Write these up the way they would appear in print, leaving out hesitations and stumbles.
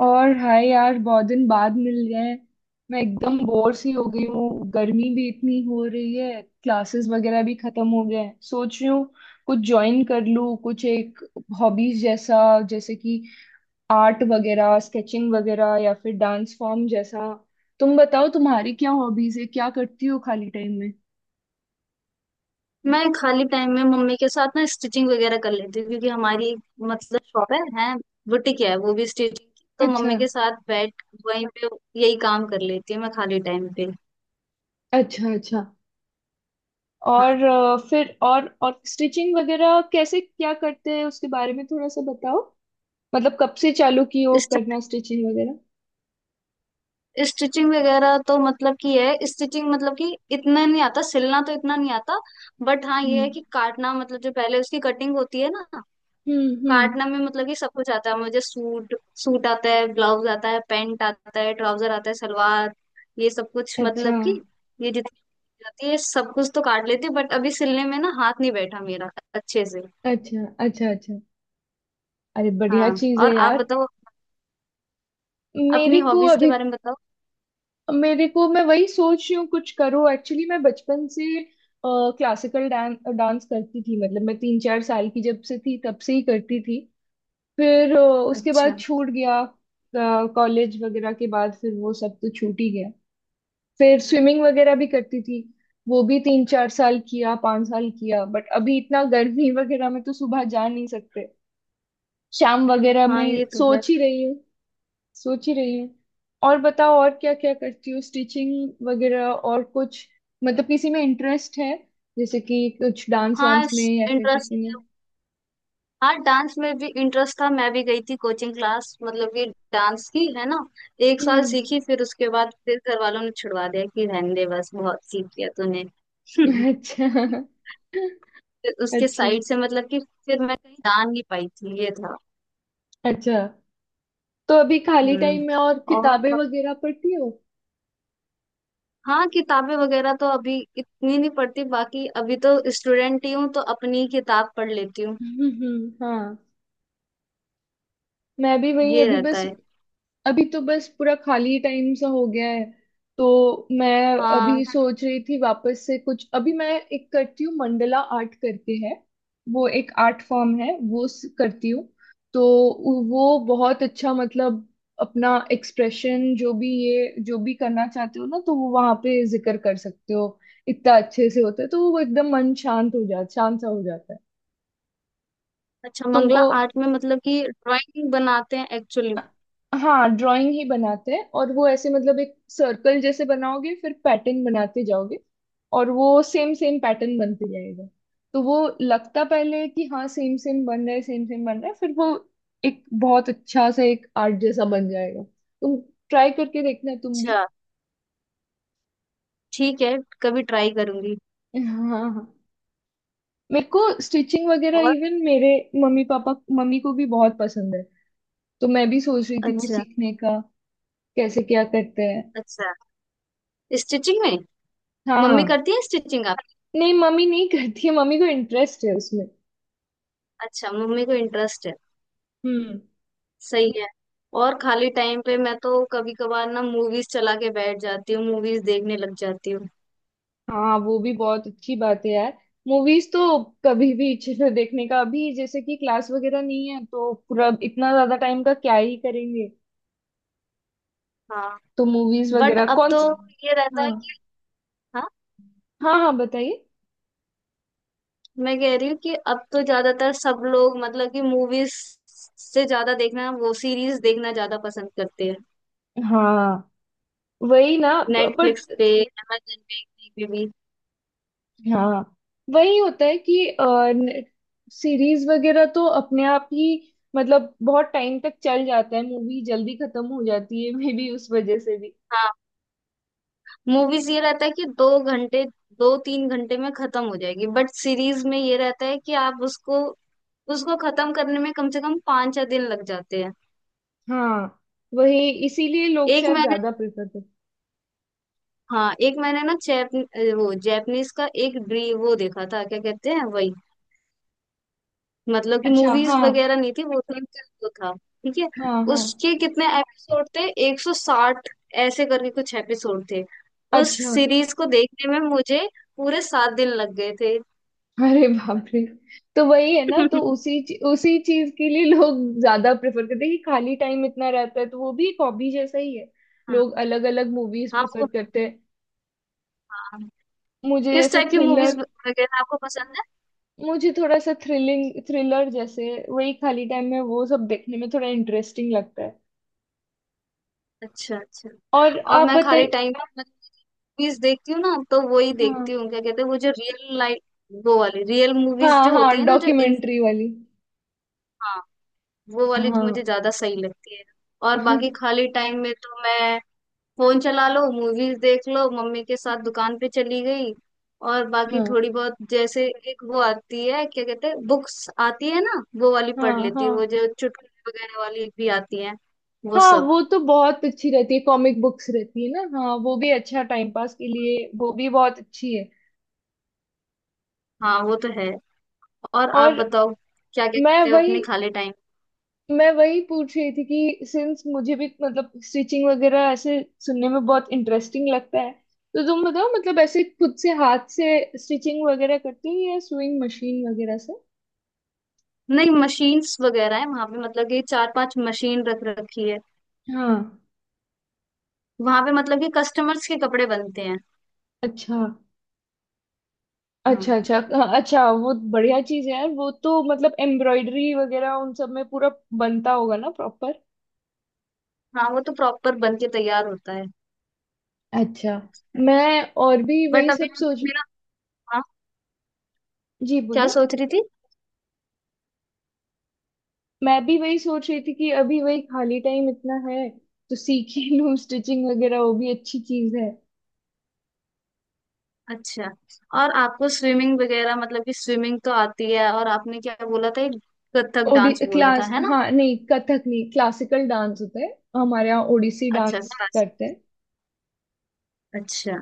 और हाय यार, बहुत दिन बाद मिल रहे हैं। मैं एकदम बोर सी हो गई हूँ, गर्मी भी इतनी हो रही है, क्लासेस वगैरह भी खत्म हो गए हैं। सोच रही हूँ कुछ ज्वाइन कर लूँ, कुछ एक हॉबीज जैसा, जैसे कि आर्ट वगैरह, स्केचिंग वगैरह या फिर डांस फॉर्म जैसा। तुम बताओ, तुम्हारी क्या हॉबीज है, क्या करती हो खाली टाइम में? मैं खाली टाइम में मम्मी के साथ ना स्टिचिंग वगैरह कर लेती हूँ क्योंकि हमारी मतलब शॉप है बुटीक है। वो भी स्टिचिंग की तो अच्छा मम्मी के साथ बैठ वहीं पे यही काम कर लेती हूँ मैं खाली टाइम पे। अच्छा अच्छा। और हाँ, फिर और स्टिचिंग वगैरह कैसे क्या करते हैं, उसके बारे में थोड़ा सा बताओ। मतलब कब से चालू की हो करना स्टिचिंग वगैरह? स्टिचिंग वगैरह तो मतलब कि है, स्टिचिंग मतलब कि इतना नहीं आता, सिलना तो इतना नहीं आता। बट हाँ, ये है हम्म कि काटना, मतलब जो पहले उसकी कटिंग होती है ना, हम्म। काटना में मतलब कि सब कुछ आता है मुझे। सूट, सूट आता है, ब्लाउज आता है, पैंट आता है, ट्राउजर आता है, सलवार, ये सब कुछ अच्छा मतलब कि ये जित जाती है। सब कुछ तो काट लेती बट अभी सिलने में ना हाथ नहीं बैठा मेरा अच्छे से। अच्छा अच्छा अच्छा। अरे हाँ। बढ़िया चीज है और आप यार। बताओ अपनी मेरे को हॉबीज के अभी बारे में बताओ। मेरे को, मैं वही सोच रही हूँ कुछ करो। एक्चुअली मैं बचपन से क्लासिकल डांस डांस करती थी, मतलब मैं तीन चार साल की जब से थी, तब से ही करती थी। फिर उसके अच्छा। बाद छूट गया। कॉलेज वगैरह के बाद फिर वो सब तो छूट ही गया। फिर स्विमिंग वगैरह भी करती थी। वो भी तीन चार साल किया, पांच साल किया, बट अभी इतना गर्मी वगैरह में तो सुबह जा नहीं सकते। शाम वगैरह हाँ ये में तो है। सोच ही रही हूँ। सोच ही रही हूँ। और बताओ, और क्या क्या करती हो? स्टिचिंग वगैरह और कुछ, मतलब किसी में इंटरेस्ट है, जैसे कि कुछ डांस हाँ। वांस में या फिर इंटरेस्ट, किसी में? हाँ, डांस में भी इंटरेस्ट था, मैं भी गई थी कोचिंग क्लास, मतलब कि डांस की, है ना। एक साल हम्म। सीखी, फिर उसके बाद फिर घर वालों ने छुड़वा दिया कि रहने दे बस बहुत सीख लिया तूने। अच्छा। फिर उसके अच्छा साइड से मतलब कि फिर मैं कहीं जान नहीं पाई थी, ये था। अच्छा। तो अभी खाली हम्म। टाइम में और और किताबें वगैरह पढ़ती हो? हाँ, किताबें वगैरह तो अभी इतनी नहीं पढ़ती, बाकी अभी तो स्टूडेंट ही हूँ तो अपनी ही किताब पढ़ लेती हूँ। हाँ। मैं भी वही, ये अभी रहता बस, है। अभी तो बस पूरा खाली टाइम सा हो गया है। तो मैं हाँ। अभी सोच रही थी वापस से कुछ, अभी मैं एक करती हूँ मंडला आर्ट करके है। वो एक आर्ट फॉर्म है, वो करती हूँ। तो वो बहुत अच्छा, मतलब अपना एक्सप्रेशन जो भी, ये जो भी करना चाहते हो ना, तो वो वहां पे जिक्र कर सकते हो। इतना अच्छे से होता है, तो वो एकदम मन शांत हो जाता, शांत सा हो जाता है। अच्छा, मंगला तुमको, आर्ट में मतलब कि ड्राइंग बनाते हैं एक्चुअली। हाँ ड्राइंग ही बनाते हैं, और वो ऐसे मतलब एक सर्कल जैसे बनाओगे, फिर पैटर्न बनाते जाओगे। और वो सेम सेम पैटर्न बनते जाएगा। तो वो लगता पहले है कि हाँ सेम सेम बन रहा है, सेम सेम बन रहा है, फिर वो एक बहुत अच्छा सा एक आर्ट जैसा बन जाएगा। तुम ट्राई करके देखना तुम भी। अच्छा। ठीक है, कभी ट्राई करूंगी। हाँ हाँ। मेरे को स्टिचिंग वगैरह और इवन मेरे मम्मी पापा, मम्मी को भी बहुत पसंद है। तो मैं भी सोच रही थी वो अच्छा सीखने का। कैसे क्या करते हैं? अच्छा। स्टिचिंग में मम्मी हाँ। करती है स्टिचिंग आप? नहीं मम्मी नहीं करती है, मम्मी को इंटरेस्ट है उसमें। अच्छा, मम्मी को इंटरेस्ट है। हम्म। सही है। और खाली टाइम पे मैं तो कभी कभार ना मूवीज चला के बैठ जाती हूँ, मूवीज देखने लग जाती हूँ। हाँ वो भी बहुत अच्छी बात है यार। मूवीज तो कभी भी इच्छा है देखने का। अभी जैसे कि क्लास वगैरह नहीं है, तो पूरा इतना ज्यादा टाइम का क्या ही करेंगे। हाँ, तो मूवीज बट वगैरह अब कौन तो सी? ये रहता हाँ है कि हाँ हाँ, बताइए। मैं कह रही हूँ कि अब तो ज्यादातर सब लोग मतलब कि मूवीज से ज्यादा देखना, वो सीरीज देखना ज्यादा पसंद करते हैं। हाँ वही ना। नेटफ्लिक्स बट पे, amazon पे, कहीं पे भी। हाँ वही होता है कि सीरीज वगैरह तो अपने आप ही मतलब बहुत टाइम तक चल जाता है, मूवी जल्दी खत्म हो जाती है मे बी उस वजह से भी। हाँ, मूवीज ये रहता है कि दो घंटे, दो तीन घंटे में खत्म हो जाएगी, बट सीरीज में ये रहता है कि आप उसको उसको खत्म करने में कम से कम पाँच छह दिन लग जाते हैं। हाँ वही इसीलिए लोग एक शायद मैंने ज्यादा प्रेफर करते। हाँ, एक मैंने ना जैप वो जैपनीज का एक ड्री वो देखा था, क्या कहते हैं वही, मतलब कि अच्छा। हाँ मूवीज वगैरह नहीं थी वो तो, एक वो था ठीक है। हाँ हाँ। उसके कितने एपिसोड थे, 160 ऐसे करके कुछ एपिसोड थे। उस अच्छा। सीरीज को देखने में मुझे पूरे सात दिन लग गए थे। अरे बाप रे। तो वही है ना, तो उसी चीज के लिए लोग ज्यादा प्रेफर करते हैं कि खाली टाइम इतना रहता है, तो वो भी एक हॉबी जैसा ही है। हाँ। लोग अलग अलग मूवीज हाँ प्रेफर वो। करते हैं। हाँ। मुझे किस जैसे टाइप की मूवीज थ्रिलर, वगैरह आपको पसंद है? मुझे थोड़ा सा थ्रिलिंग थ्रिलर जैसे वही खाली टाइम में वो सब देखने में थोड़ा इंटरेस्टिंग लगता है। अच्छा अच्छा। और और आप मैं खाली बताइए? टाइम में मूवीज देखती हूँ ना तो वही हाँ देखती हूँ, क्या कहते हैं वो जो रियल लाइफ, वो वाली रियल मूवीज हाँ। जो हाँ होती है ना, जो इन। डॉक्यूमेंट्री वाली। हाँ, वो वाली तो हाँ। मुझे ज्यादा सही लगती है। और बाकी खाली टाइम में तो मैं फोन चला लो, मूवीज देख लो, मम्मी के साथ दुकान पे चली गई। और बाकी हाँ थोड़ी बहुत जैसे एक वो आती है, क्या कहते हैं, बुक्स आती है ना वो वाली पढ़ हाँ लेती हाँ। है, वो जो चुटकुले वगैरह वाली भी आती है वो हाँ सब। वो तो बहुत अच्छी रहती है, कॉमिक बुक्स रहती है ना। हाँ वो भी अच्छा टाइम पास के लिए, वो भी बहुत अच्छी है। हाँ वो तो है। और आप और बताओ क्या क्या मैं करते हो वही अपने खाली टाइम। मैं वही पूछ रही थी कि सिंस मुझे भी मतलब स्टिचिंग वगैरह ऐसे सुनने में बहुत इंटरेस्टिंग लगता है। तो तुम बताओ मतलब ऐसे खुद से हाथ से स्टिचिंग वगैरह करती हो या सुइंग मशीन वगैरह से? नहीं, मशीन्स वगैरह है वहां पे, मतलब कि चार पांच मशीन रख रखी है हाँ। वहां पे, मतलब कि कस्टमर्स के कपड़े बनते हैं। अच्छा हाँ। अच्छा अच्छा हाँ, अच्छा वो बढ़िया चीज है यार। वो तो मतलब एम्ब्रॉयडरी वगैरह उन सब में पूरा बनता होगा ना प्रॉपर। हाँ वो तो प्रॉपर बन के तैयार होता है। अच्छा। मैं और भी बट वही अभी सब मतलब सोच। मेरा, हाँ, जी क्या बोली? सोच रही थी। मैं भी वही सोच रही थी कि अभी वही खाली टाइम इतना है, तो सीख ही लूँ स्टिचिंग वगैरह, वो भी अच्छी चीज है। अच्छा, और आपको स्विमिंग वगैरह मतलब कि स्विमिंग तो आती है, और आपने क्या बोला था, एक कथक ओडी डांस बोला था क्लास, है ना। हाँ, नहीं कथक नहीं, क्लासिकल डांस होता है। हमारे यहाँ ओडिसी अच्छा, डांस क्लासिक, करते हैं। अच्छा,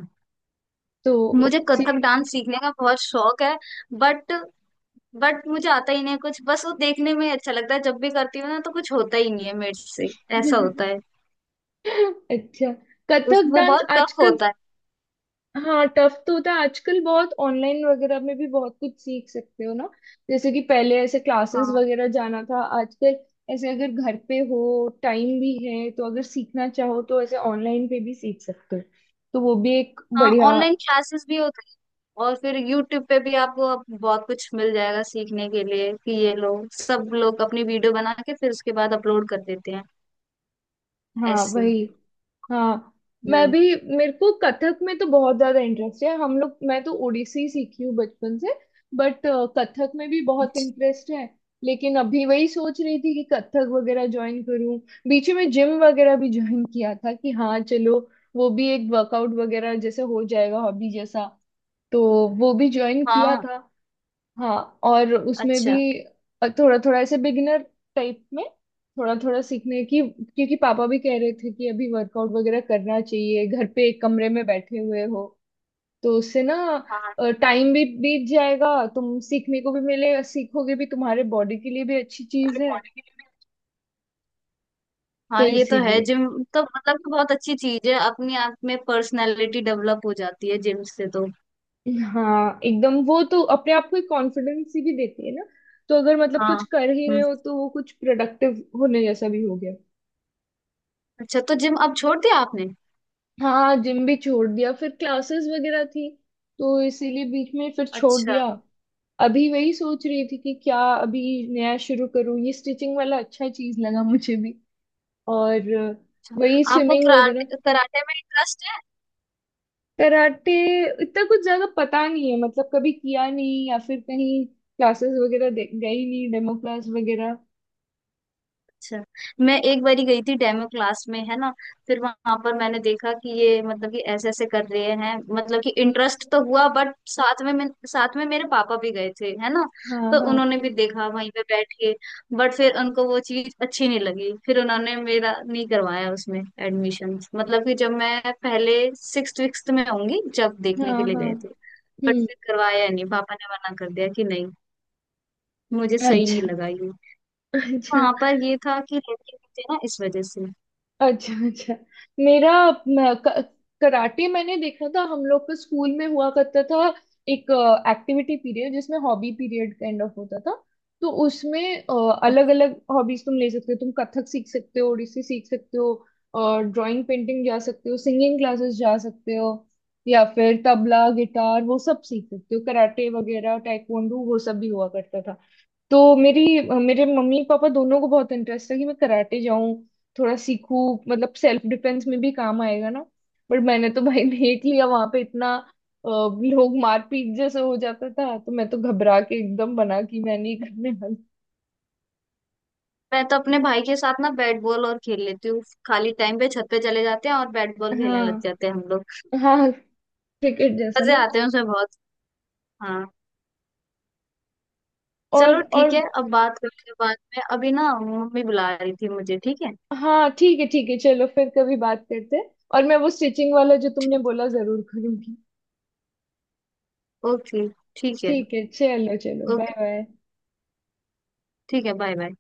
तो मुझे ओडिसी। कथक डांस सीखने का बहुत शौक है। बट बट मुझे आता ही नहीं है कुछ, बस वो देखने में अच्छा लगता है, जब भी करती हूँ ना तो कुछ होता ही नहीं है मेरे से, ऐसा होता है। अच्छा। उस कथक वो डांस बहुत टफ आजकल। होता है। हाँ टफ तो होता है, आजकल बहुत ऑनलाइन वगैरह में भी बहुत कुछ सीख सकते हो ना, जैसे कि पहले ऐसे क्लासेस हाँ, वगैरह जाना था, आजकल ऐसे अगर घर पे हो, टाइम भी है, तो अगर सीखना चाहो तो ऐसे ऑनलाइन पे भी सीख सकते हो। तो वो भी एक हाँ बढ़िया। ऑनलाइन क्लासेस भी होते हैं। और फिर YouTube पे भी आपको अब बहुत कुछ मिल जाएगा सीखने के लिए कि ये लोग सब लोग अपनी वीडियो बना के फिर उसके बाद अपलोड कर देते हैं, हाँ ऐसे। वही। हाँ मैं हम्म। भी, मेरे को कथक में तो बहुत ज्यादा इंटरेस्ट है। हम लोग, मैं तो ओडिसी सीखी हूँ बचपन से, बट कथक में भी बहुत अच्छा। इंटरेस्ट है। लेकिन अभी वही सोच रही थी कि कथक वगैरह ज्वाइन करूँ। बीच में जिम वगैरह भी ज्वाइन किया था कि हाँ चलो, वो भी एक वर्कआउट वगैरह जैसे हो जाएगा, हॉबी जैसा। तो वो भी ज्वाइन किया हाँ। था। हाँ। और उसमें भी अच्छा। थोड़ा थोड़ा ऐसे बिगिनर टाइप में थोड़ा थोड़ा सीखने की, क्योंकि पापा भी कह रहे थे कि अभी वर्कआउट वगैरह करना चाहिए, घर पे एक कमरे में बैठे हुए हो, तो उससे ना हाँ, टाइम भी बीत जाएगा, तुम सीखने को भी मिलेगा, सीखोगे भी, तुम्हारे बॉडी के लिए भी अच्छी चीज है। रिकॉर्डिंग के लिए भी। तो हाँ ये तो है, इसीलिए। जिम तो मतलब कि बहुत अच्छी चीज है, अपने आप में पर्सनालिटी डेवलप हो जाती है जिम से तो। हाँ एकदम, वो तो अपने आप को एक कॉन्फिडेंस ही भी देती है ना। तो अगर मतलब हाँ। कुछ कर ही रहे हम्म। हो, तो वो कुछ प्रोडक्टिव होने जैसा भी हो गया। अच्छा तो जिम अब छोड़ दिया आपने। हाँ जिम भी छोड़ दिया, फिर क्लासेस वगैरह थी तो इसीलिए बीच में फिर छोड़ अच्छा दिया। अभी वही सोच रही थी कि क्या अभी नया शुरू करूँ, ये स्टिचिंग वाला अच्छा चीज लगा मुझे भी। और वही अच्छा। आपको स्विमिंग वगैरह। कराटे, कराटे में इंटरेस्ट है? कराटे, इतना कुछ ज्यादा पता नहीं है, मतलब कभी किया नहीं या फिर कहीं क्लासेस वगैरह गई नहीं, डेमो क्लास वगैरह। अच्छा, मैं एक बारी गई थी डेमो क्लास में, है ना। फिर वहां पर मैंने देखा कि ये मतलब कि ऐसे ऐसे कर रहे हैं, मतलब कि हम्म, इंटरेस्ट तो हुआ, बट साथ में मेरे पापा भी गए थे है ना, हाँ तो उन्होंने हाँ। भी देखा वहीं पे बैठ के, बट फिर उनको वो चीज अच्छी नहीं लगी, फिर उन्होंने मेरा नहीं करवाया उसमें एडमिशन, मतलब कि जब मैं पहले सिक्स विक्स में होंगी जब देखने हाँ के लिए हाँ। गए थे, बट हम्म। फिर करवाया नहीं पापा ने, मना कर दिया कि नहीं मुझे सही नहीं अच्छा। लगा। अच्छा वहां पर ये था कि लड़के नहीं थे ना, इस वजह से। अच्छा अच्छा। मेरा म, क- कराटे मैंने देखा था, हम लोग का स्कूल में हुआ करता था एक एक्टिविटी पीरियड, जिसमें हॉबी पीरियड काइंड ऑफ होता था। तो उसमें अलग अलग हॉबीज तुम ले सकते हो, तुम कथक सीख सकते हो, ओडिसी सीख सकते हो, और ड्राइंग पेंटिंग जा सकते हो, सिंगिंग क्लासेस जा सकते हो, या फिर तबला गिटार वो सब सीख सकते हो, कराटे वगैरह टाइकोंडू वो सब भी हुआ करता था। तो मेरी मेरे मम्मी पापा दोनों को बहुत इंटरेस्ट था कि मैं कराटे जाऊं, थोड़ा सीखूं, मतलब सेल्फ डिफेंस में भी काम आएगा ना। बट मैंने तो भाई देख लिया, वहां पे इतना लोग मारपीट जैसे हो जाता था, तो मैं तो घबरा के एकदम बना कि मैं नहीं करने वाली। मैं तो अपने भाई के साथ ना बैट बॉल और खेल लेती हूँ। खाली टाइम पे छत पे चले जाते हैं और बैट बॉल खेलने लग हाँ जाते हैं हम लोग। हाँ। क्रिकेट जैसा मजे ना। आते हैं उसमें बहुत। हाँ। और चलो और ठीक है, अब बात करते हैं बाद में, अभी ना मम्मी बुला रही थी मुझे, ठीक है। हाँ ठीक है ठीक है, चलो फिर कभी बात करते हैं, और मैं वो स्टिचिंग वाला जो तुमने ठीक। बोला जरूर करूंगी। ओके। ठीक है। ठीक है, चलो चलो, ओके। Bye bye. ठीक है, बाय बाय।